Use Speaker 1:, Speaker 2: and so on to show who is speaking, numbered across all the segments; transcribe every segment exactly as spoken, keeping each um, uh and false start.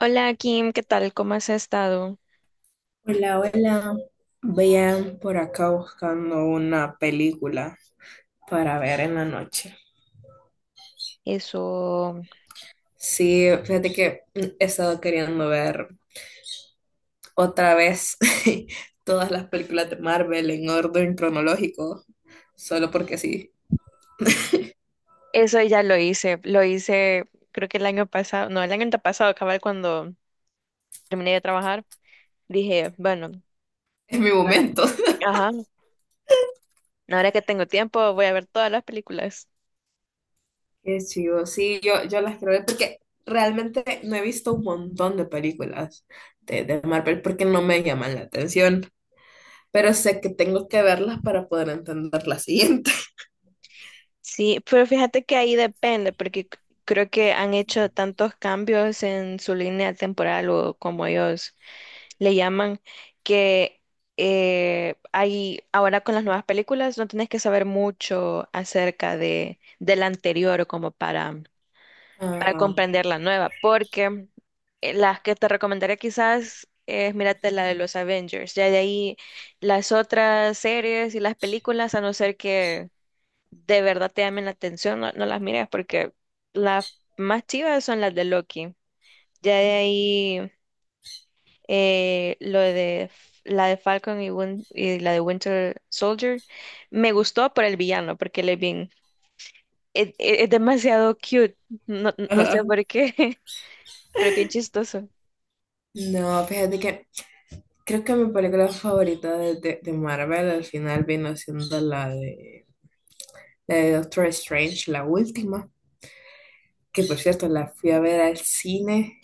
Speaker 1: Hola Kim, ¿qué tal? ¿Cómo has estado?
Speaker 2: Hola, hola. Vean por acá buscando una película para ver en la noche.
Speaker 1: Eso,
Speaker 2: Sí, fíjate que he estado queriendo ver otra vez todas las películas de Marvel en orden cronológico, solo porque sí,
Speaker 1: eso ya lo hice, lo hice creo que el año pasado, no, el año antepasado, cabal, cuando terminé de trabajar, dije, bueno,
Speaker 2: es mi
Speaker 1: ahora,
Speaker 2: momento.
Speaker 1: ajá, ahora que tengo tiempo voy a ver todas las películas.
Speaker 2: Qué chido, sí, yo, yo las quiero ver porque realmente no he visto un montón de películas de, de Marvel porque no me llaman la atención, pero sé que tengo que verlas para poder entender la siguiente.
Speaker 1: Sí, pero fíjate que ahí depende, porque c- creo que han hecho tantos cambios en su línea temporal o como ellos le llaman, que eh, hay, ahora con las nuevas películas no tenés que saber mucho acerca de, de la anterior o como para, para
Speaker 2: Ajá.
Speaker 1: comprender la nueva, porque eh, las que te recomendaría quizás es mírate la de los Avengers, ya de ahí las otras series y las películas, a no ser que de verdad te llamen la atención, no, no las mires porque las más chivas son las de Loki. Ya de ahí eh, lo de F- la de Falcon y, Win- y la de Winter Soldier. Me gustó por el villano, porque él es bien, es, es- es demasiado cute, no, no sé
Speaker 2: Ajá.
Speaker 1: por qué, pero es bien chistoso.
Speaker 2: No, fíjate que creo que mi película favorita de, de, de Marvel al final vino siendo la de, la de Doctor Strange, la última, que por cierto la fui a ver al cine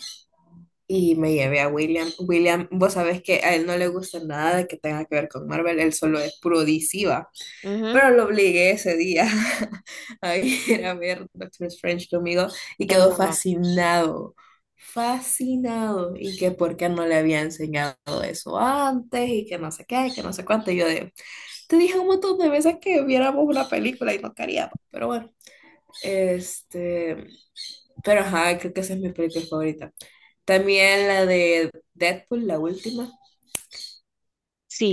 Speaker 2: y me llevé a William. William, vos sabés que a él no le gusta nada de que tenga que ver con Marvel, él solo es puro D C, ¿va?
Speaker 1: Ujú.
Speaker 2: Pero lo obligué ese día a ir a ver Doctor Strange conmigo y quedó
Speaker 1: Eso,
Speaker 2: fascinado, fascinado. Y que por qué no le había enseñado eso antes y que no sé qué, que no sé cuánto. Y yo de, te dije un montón de veces que viéramos una película y no queríamos, pero bueno. Este, pero ajá, creo que esa es mi película favorita. También la de Deadpool, la última.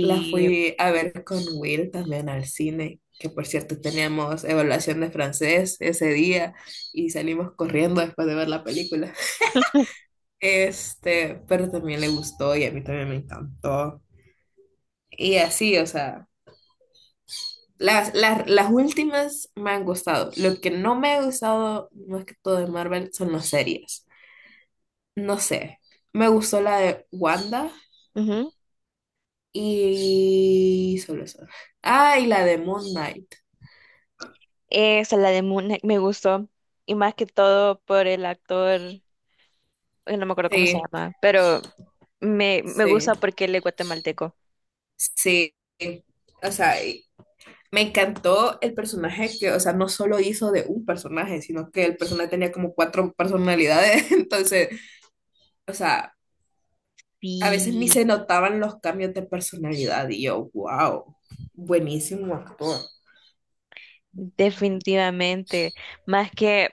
Speaker 2: La fui a ver con Will también al cine, que por cierto teníamos evaluación de francés ese día y salimos corriendo después de ver la película. Este, pero también le gustó y a mí también me encantó. Y así, o sea, las, las, las últimas me han gustado. Lo que no me ha gustado, más que todo de Marvel, son las series. No sé, me gustó la de Wanda
Speaker 1: ujú.
Speaker 2: y solo eso. Ah, y la de Moon Knight.
Speaker 1: Esa, la de Moon Knight, me gustó, y más que todo por el actor, eh, no me acuerdo cómo se
Speaker 2: Sí,
Speaker 1: llama, pero me, me
Speaker 2: sí.
Speaker 1: gusta porque él es guatemalteco.
Speaker 2: Sí, o sea, y me encantó el personaje que, o sea, no solo hizo de un personaje, sino que el personaje tenía como cuatro personalidades, entonces, o sea, a veces ni
Speaker 1: Sí,
Speaker 2: se notaban los cambios de personalidad y yo, wow, buenísimo actor.
Speaker 1: definitivamente. Más que...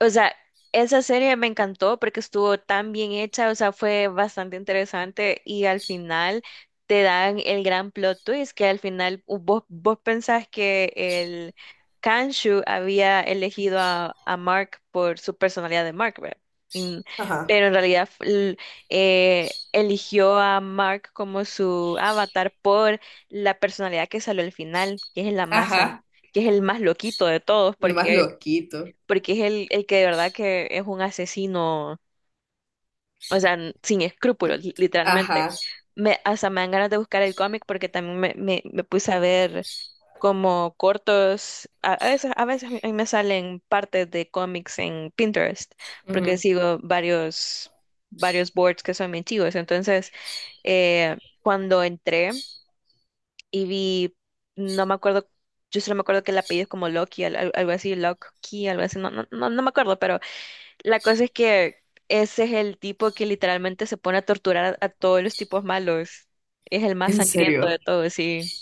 Speaker 1: O sea, esa serie me encantó porque estuvo tan bien hecha, o sea, fue bastante interesante y al final te dan el gran plot twist que al final u- vos, vos pensás que el Kanshu había elegido a, a Mark por su personalidad de Mark, ¿verdad? Y
Speaker 2: Ajá,
Speaker 1: pero en realidad f- l- eh, eligió a Mark como su avatar por la personalidad que salió al final, que es la más, san-
Speaker 2: ajá,
Speaker 1: que es el más loquito de todos,
Speaker 2: el más
Speaker 1: porque
Speaker 2: loquito,
Speaker 1: porque es el, el que de verdad que es un asesino, o sea, n- sin escrúpulos, li- literalmente.
Speaker 2: ajá,
Speaker 1: Me, hasta me dan ganas de buscar el cómic porque también me, me, me puse a ver como cortos, a, a veces, a veces a mí me salen partes de cómics en Pinterest, porque
Speaker 2: ujú,
Speaker 1: sigo varios, varios boards que son bien chivos. Entonces, eh, cuando entré y vi, no me acuerdo, yo solo me acuerdo que el apellido es como Loki, al- al- algo así, Loki, algo así, no, no, no, no me acuerdo, pero la cosa es que ese es el tipo que literalmente se pone a torturar a, a todos los tipos malos. Es el más
Speaker 2: en
Speaker 1: sangriento de
Speaker 2: serio.
Speaker 1: todos, sí.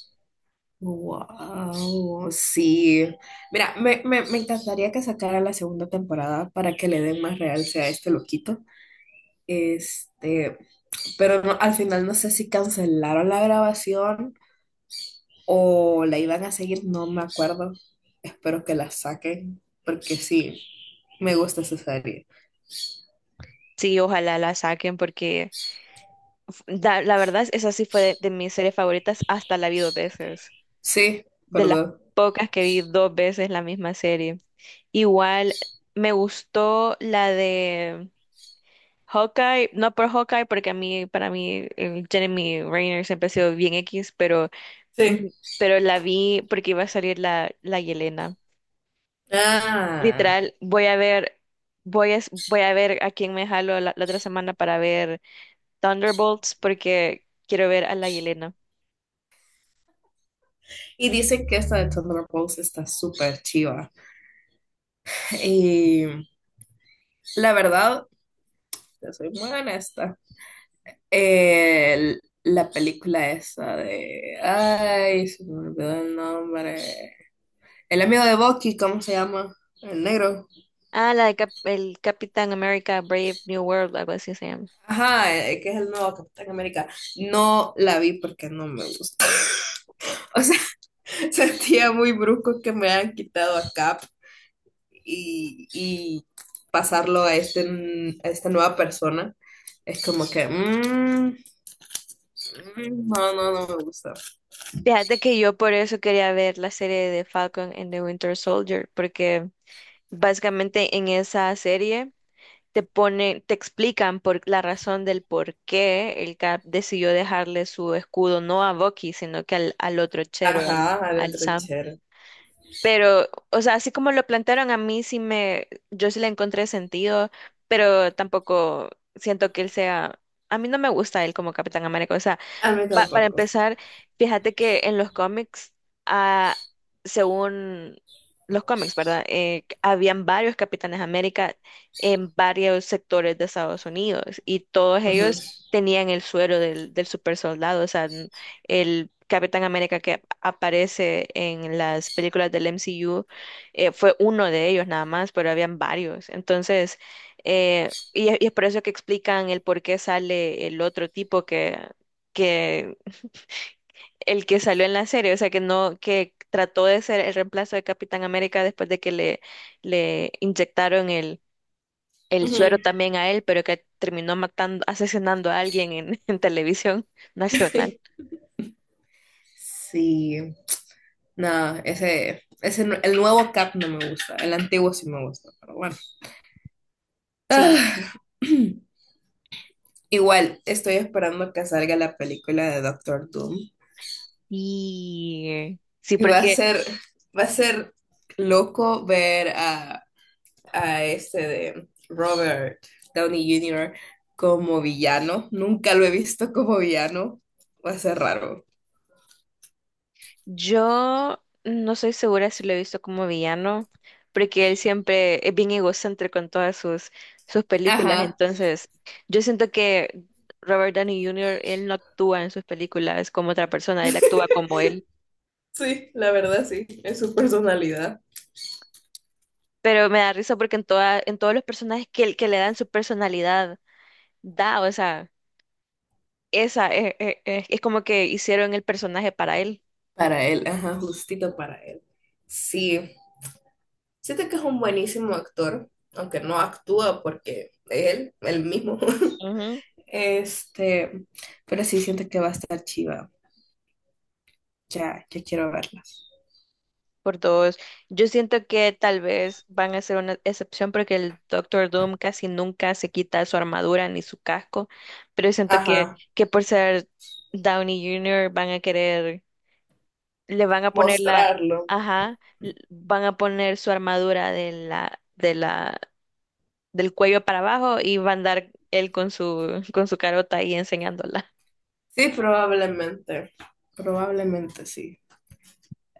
Speaker 2: Wow, sí. Mira, me, me, me encantaría que sacara la segunda temporada para que le den más realce a este loquito. Este, pero no- al final no sé si cancelaron la grabación o la iban a seguir, no me acuerdo. Espero que la saquen, porque sí, me gusta esa serie.
Speaker 1: Sí, ojalá la saquen porque f- da- la, verdad, esa sí fue de, de mis series favoritas, hasta la vi dos veces.
Speaker 2: Sí,
Speaker 1: De las
Speaker 2: perdón.
Speaker 1: pocas que vi dos veces la misma serie. Igual me gustó la de Hawkeye, no por Hawkeye porque a mí, para mí, el Jeremy Renner siempre ha sido bien X, pero Mm,
Speaker 2: Sí.
Speaker 1: pero la vi porque iba a salir la, la Yelena.
Speaker 2: Ah,
Speaker 1: Literal, voy a ver, voy a, voy a ver a quién me jalo la, la otra semana para ver Thunderbolts porque quiero ver a la Yelena.
Speaker 2: y dicen que esta de Thunder Rose está súper chiva. Y la verdad, te soy muy honesta. El- la película esa de. Ay, se me olvidó el nombre. El amigo de Bucky, ¿cómo se llama? El negro.
Speaker 1: Ah, la de Cap- el Capitán América Brave New World, algo así se llama.
Speaker 2: Ajá, eh, que es el nuevo Capitán América. No la vi porque no me gusta. Sentía muy brusco que me hayan quitado a Cap y, y pasarlo a, este, a esta nueva persona. Es como que, mm, mm, no, no, no me gusta.
Speaker 1: Fíjate que yo por eso quería ver la serie de Falcon and the Winter Soldier, porque básicamente en esa serie te ponen, te explican por la razón del por qué el Cap decidió dejarle su escudo no a Bucky, sino que al, al otro chero, al,
Speaker 2: Ajá, al
Speaker 1: al
Speaker 2: otro.
Speaker 1: Sam. Pero, o sea, así como lo plantearon a mí sí me, yo sí le encontré sentido, pero tampoco siento que él sea, a mí no me gusta él como Capitán América, o sea
Speaker 2: A mí
Speaker 1: pa- para
Speaker 2: tampoco.
Speaker 1: empezar, fíjate que en los cómics, ah, según los cómics, ¿verdad? Eh, habían varios Capitanes América en varios sectores de Estados Unidos y todos
Speaker 2: Ujú.
Speaker 1: ellos tenían el suero del, del super soldado. O sea, n- el Capitán América que ap- aparece en las películas del M C U eh, fue uno de ellos nada más, pero habían varios. Entonces, eh, y, y es por eso que explican el por qué sale el otro tipo que que el que salió en la serie, o sea, que no, que trató de ser el reemplazo de Capitán América después de que le, le inyectaron el, el suero
Speaker 2: Ujú.
Speaker 1: también a él, pero que terminó matando, asesinando a alguien en, en televisión nacional.
Speaker 2: Sí, no, ese, ese, no- el nuevo Cap no me gusta. El antiguo sí me gusta, pero bueno.
Speaker 1: Sí,
Speaker 2: Ah, igual estoy esperando que salga la película de Doctor Doom.
Speaker 1: y sí,
Speaker 2: Y va a
Speaker 1: porque...
Speaker 2: ser, va a ser loco ver a, a este de Robert Downey junior como villano. Nunca lo he visto como villano. Va a ser raro.
Speaker 1: Yo no soy segura si lo he visto como villano, porque él siempre es bien egocéntrico en todas sus, sus películas.
Speaker 2: Ajá.
Speaker 1: Entonces, yo siento que Robert Downey junior, él no actúa en sus películas como otra persona, él actúa como él.
Speaker 2: Sí, la verdad sí. Es su personalidad.
Speaker 1: Pero me da risa porque en toda, en todos los personajes que, él que le dan su personalidad, da, o sea, esa es, es- es- es como que hicieron el personaje para él.
Speaker 2: Para él, ajá, justito para él. Sí. Siento que es un buenísimo actor, aunque no actúa porque es él, él mismo. Este, pero sí siento que va a estar chiva. Ya, ya quiero verlas.
Speaker 1: Por dos. Yo siento que tal vez van a ser una excepción porque el Doctor Doom casi nunca se quita su armadura ni su casco, pero siento que,
Speaker 2: Ajá,
Speaker 1: que por ser Downey junior van a querer, le van a poner la,
Speaker 2: mostrarlo.
Speaker 1: ajá, l- van a poner su armadura de la, de la, del cuello para abajo y va a andar él con su, con su carota ahí enseñándola.
Speaker 2: Sí, probablemente. Probablemente sí.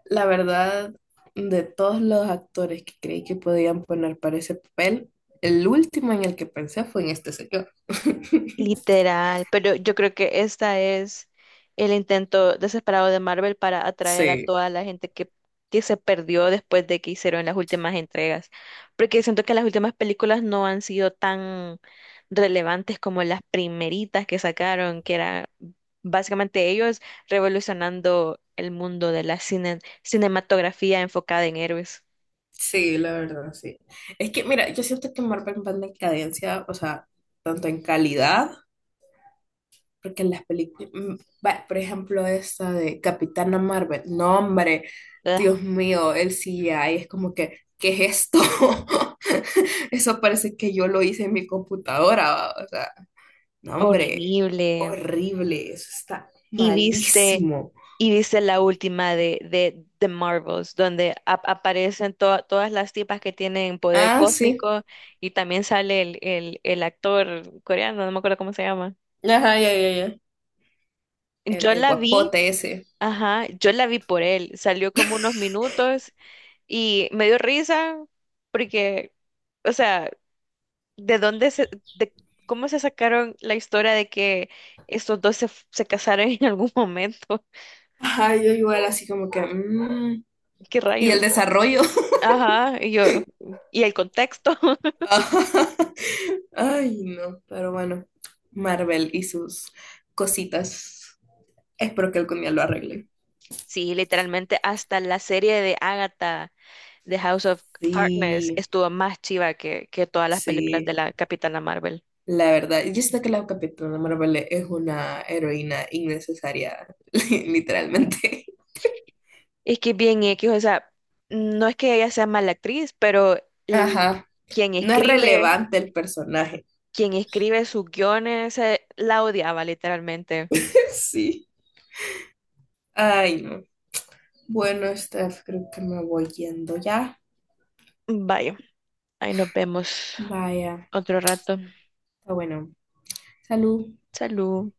Speaker 2: La verdad, de todos los actores que creí que podían poner para ese papel, el último en el que pensé fue en este señor.
Speaker 1: Literal, pero yo creo que esta es el intento desesperado de Marvel para atraer a
Speaker 2: Sí,
Speaker 1: toda la gente que, que se perdió después de que hicieron las últimas entregas, porque siento que las últimas películas no han sido tan relevantes como las primeritas que sacaron, que era básicamente ellos revolucionando el mundo de la cine- cinematografía enfocada en héroes.
Speaker 2: sí, la verdad, sí. Es que, mira, yo siento que Marvel va en decadencia, o sea, tanto en calidad. Porque en las películas, mm, bueno, por ejemplo, esta de Capitana Marvel, no, hombre,
Speaker 1: Ugh,
Speaker 2: Dios mío, el C G I es como que, ¿qué es esto? Eso parece que yo lo hice en mi computadora, va, o sea, no, hombre,
Speaker 1: horrible.
Speaker 2: horrible, eso está
Speaker 1: Y viste,
Speaker 2: malísimo.
Speaker 1: y viste la última de, de, The Marvels, donde ap- aparecen to- todas las tipas que tienen poder
Speaker 2: Ah, sí,
Speaker 1: cósmico y también sale el, el, el actor coreano, no me acuerdo cómo se llama.
Speaker 2: ajá, ya, ya, ya, el,
Speaker 1: Yo
Speaker 2: el
Speaker 1: la vi,
Speaker 2: guapote ese.
Speaker 1: ajá, yo la vi por él, salió como unos minutos y me dio risa porque, o sea, ¿de dónde se, de cómo se sacaron la historia de que estos dos se, se casaron en algún momento?
Speaker 2: Ajá, yo igual así como que, mm.
Speaker 1: ¿Qué
Speaker 2: Y
Speaker 1: rayos?
Speaker 2: el desarrollo.
Speaker 1: Ajá, y yo, y el contexto.
Speaker 2: Ay, no, pero bueno, Marvel y sus cositas. Espero que algún día lo arregle.
Speaker 1: Sí, literalmente hasta la serie de Agatha, The House of Harkness,
Speaker 2: Sí,
Speaker 1: estuvo más chiva que, que todas las películas de
Speaker 2: sí,
Speaker 1: la Capitana Marvel.
Speaker 2: la verdad. Yo sé que la Capitana Marvel es una heroína innecesaria, li- literalmente.
Speaker 1: Es que bien X, o sea, no es que ella sea mala actriz, pero l-
Speaker 2: Ajá,
Speaker 1: quien
Speaker 2: no es
Speaker 1: escribe,
Speaker 2: relevante el personaje.
Speaker 1: quien escribe sus guiones, eh, la odiaba literalmente.
Speaker 2: Sí. Ay, no. Bueno, Steph, creo que me voy yendo ya.
Speaker 1: Vaya, ahí nos vemos
Speaker 2: Vaya,
Speaker 1: otro rato.
Speaker 2: está bueno. Salud.
Speaker 1: Salud.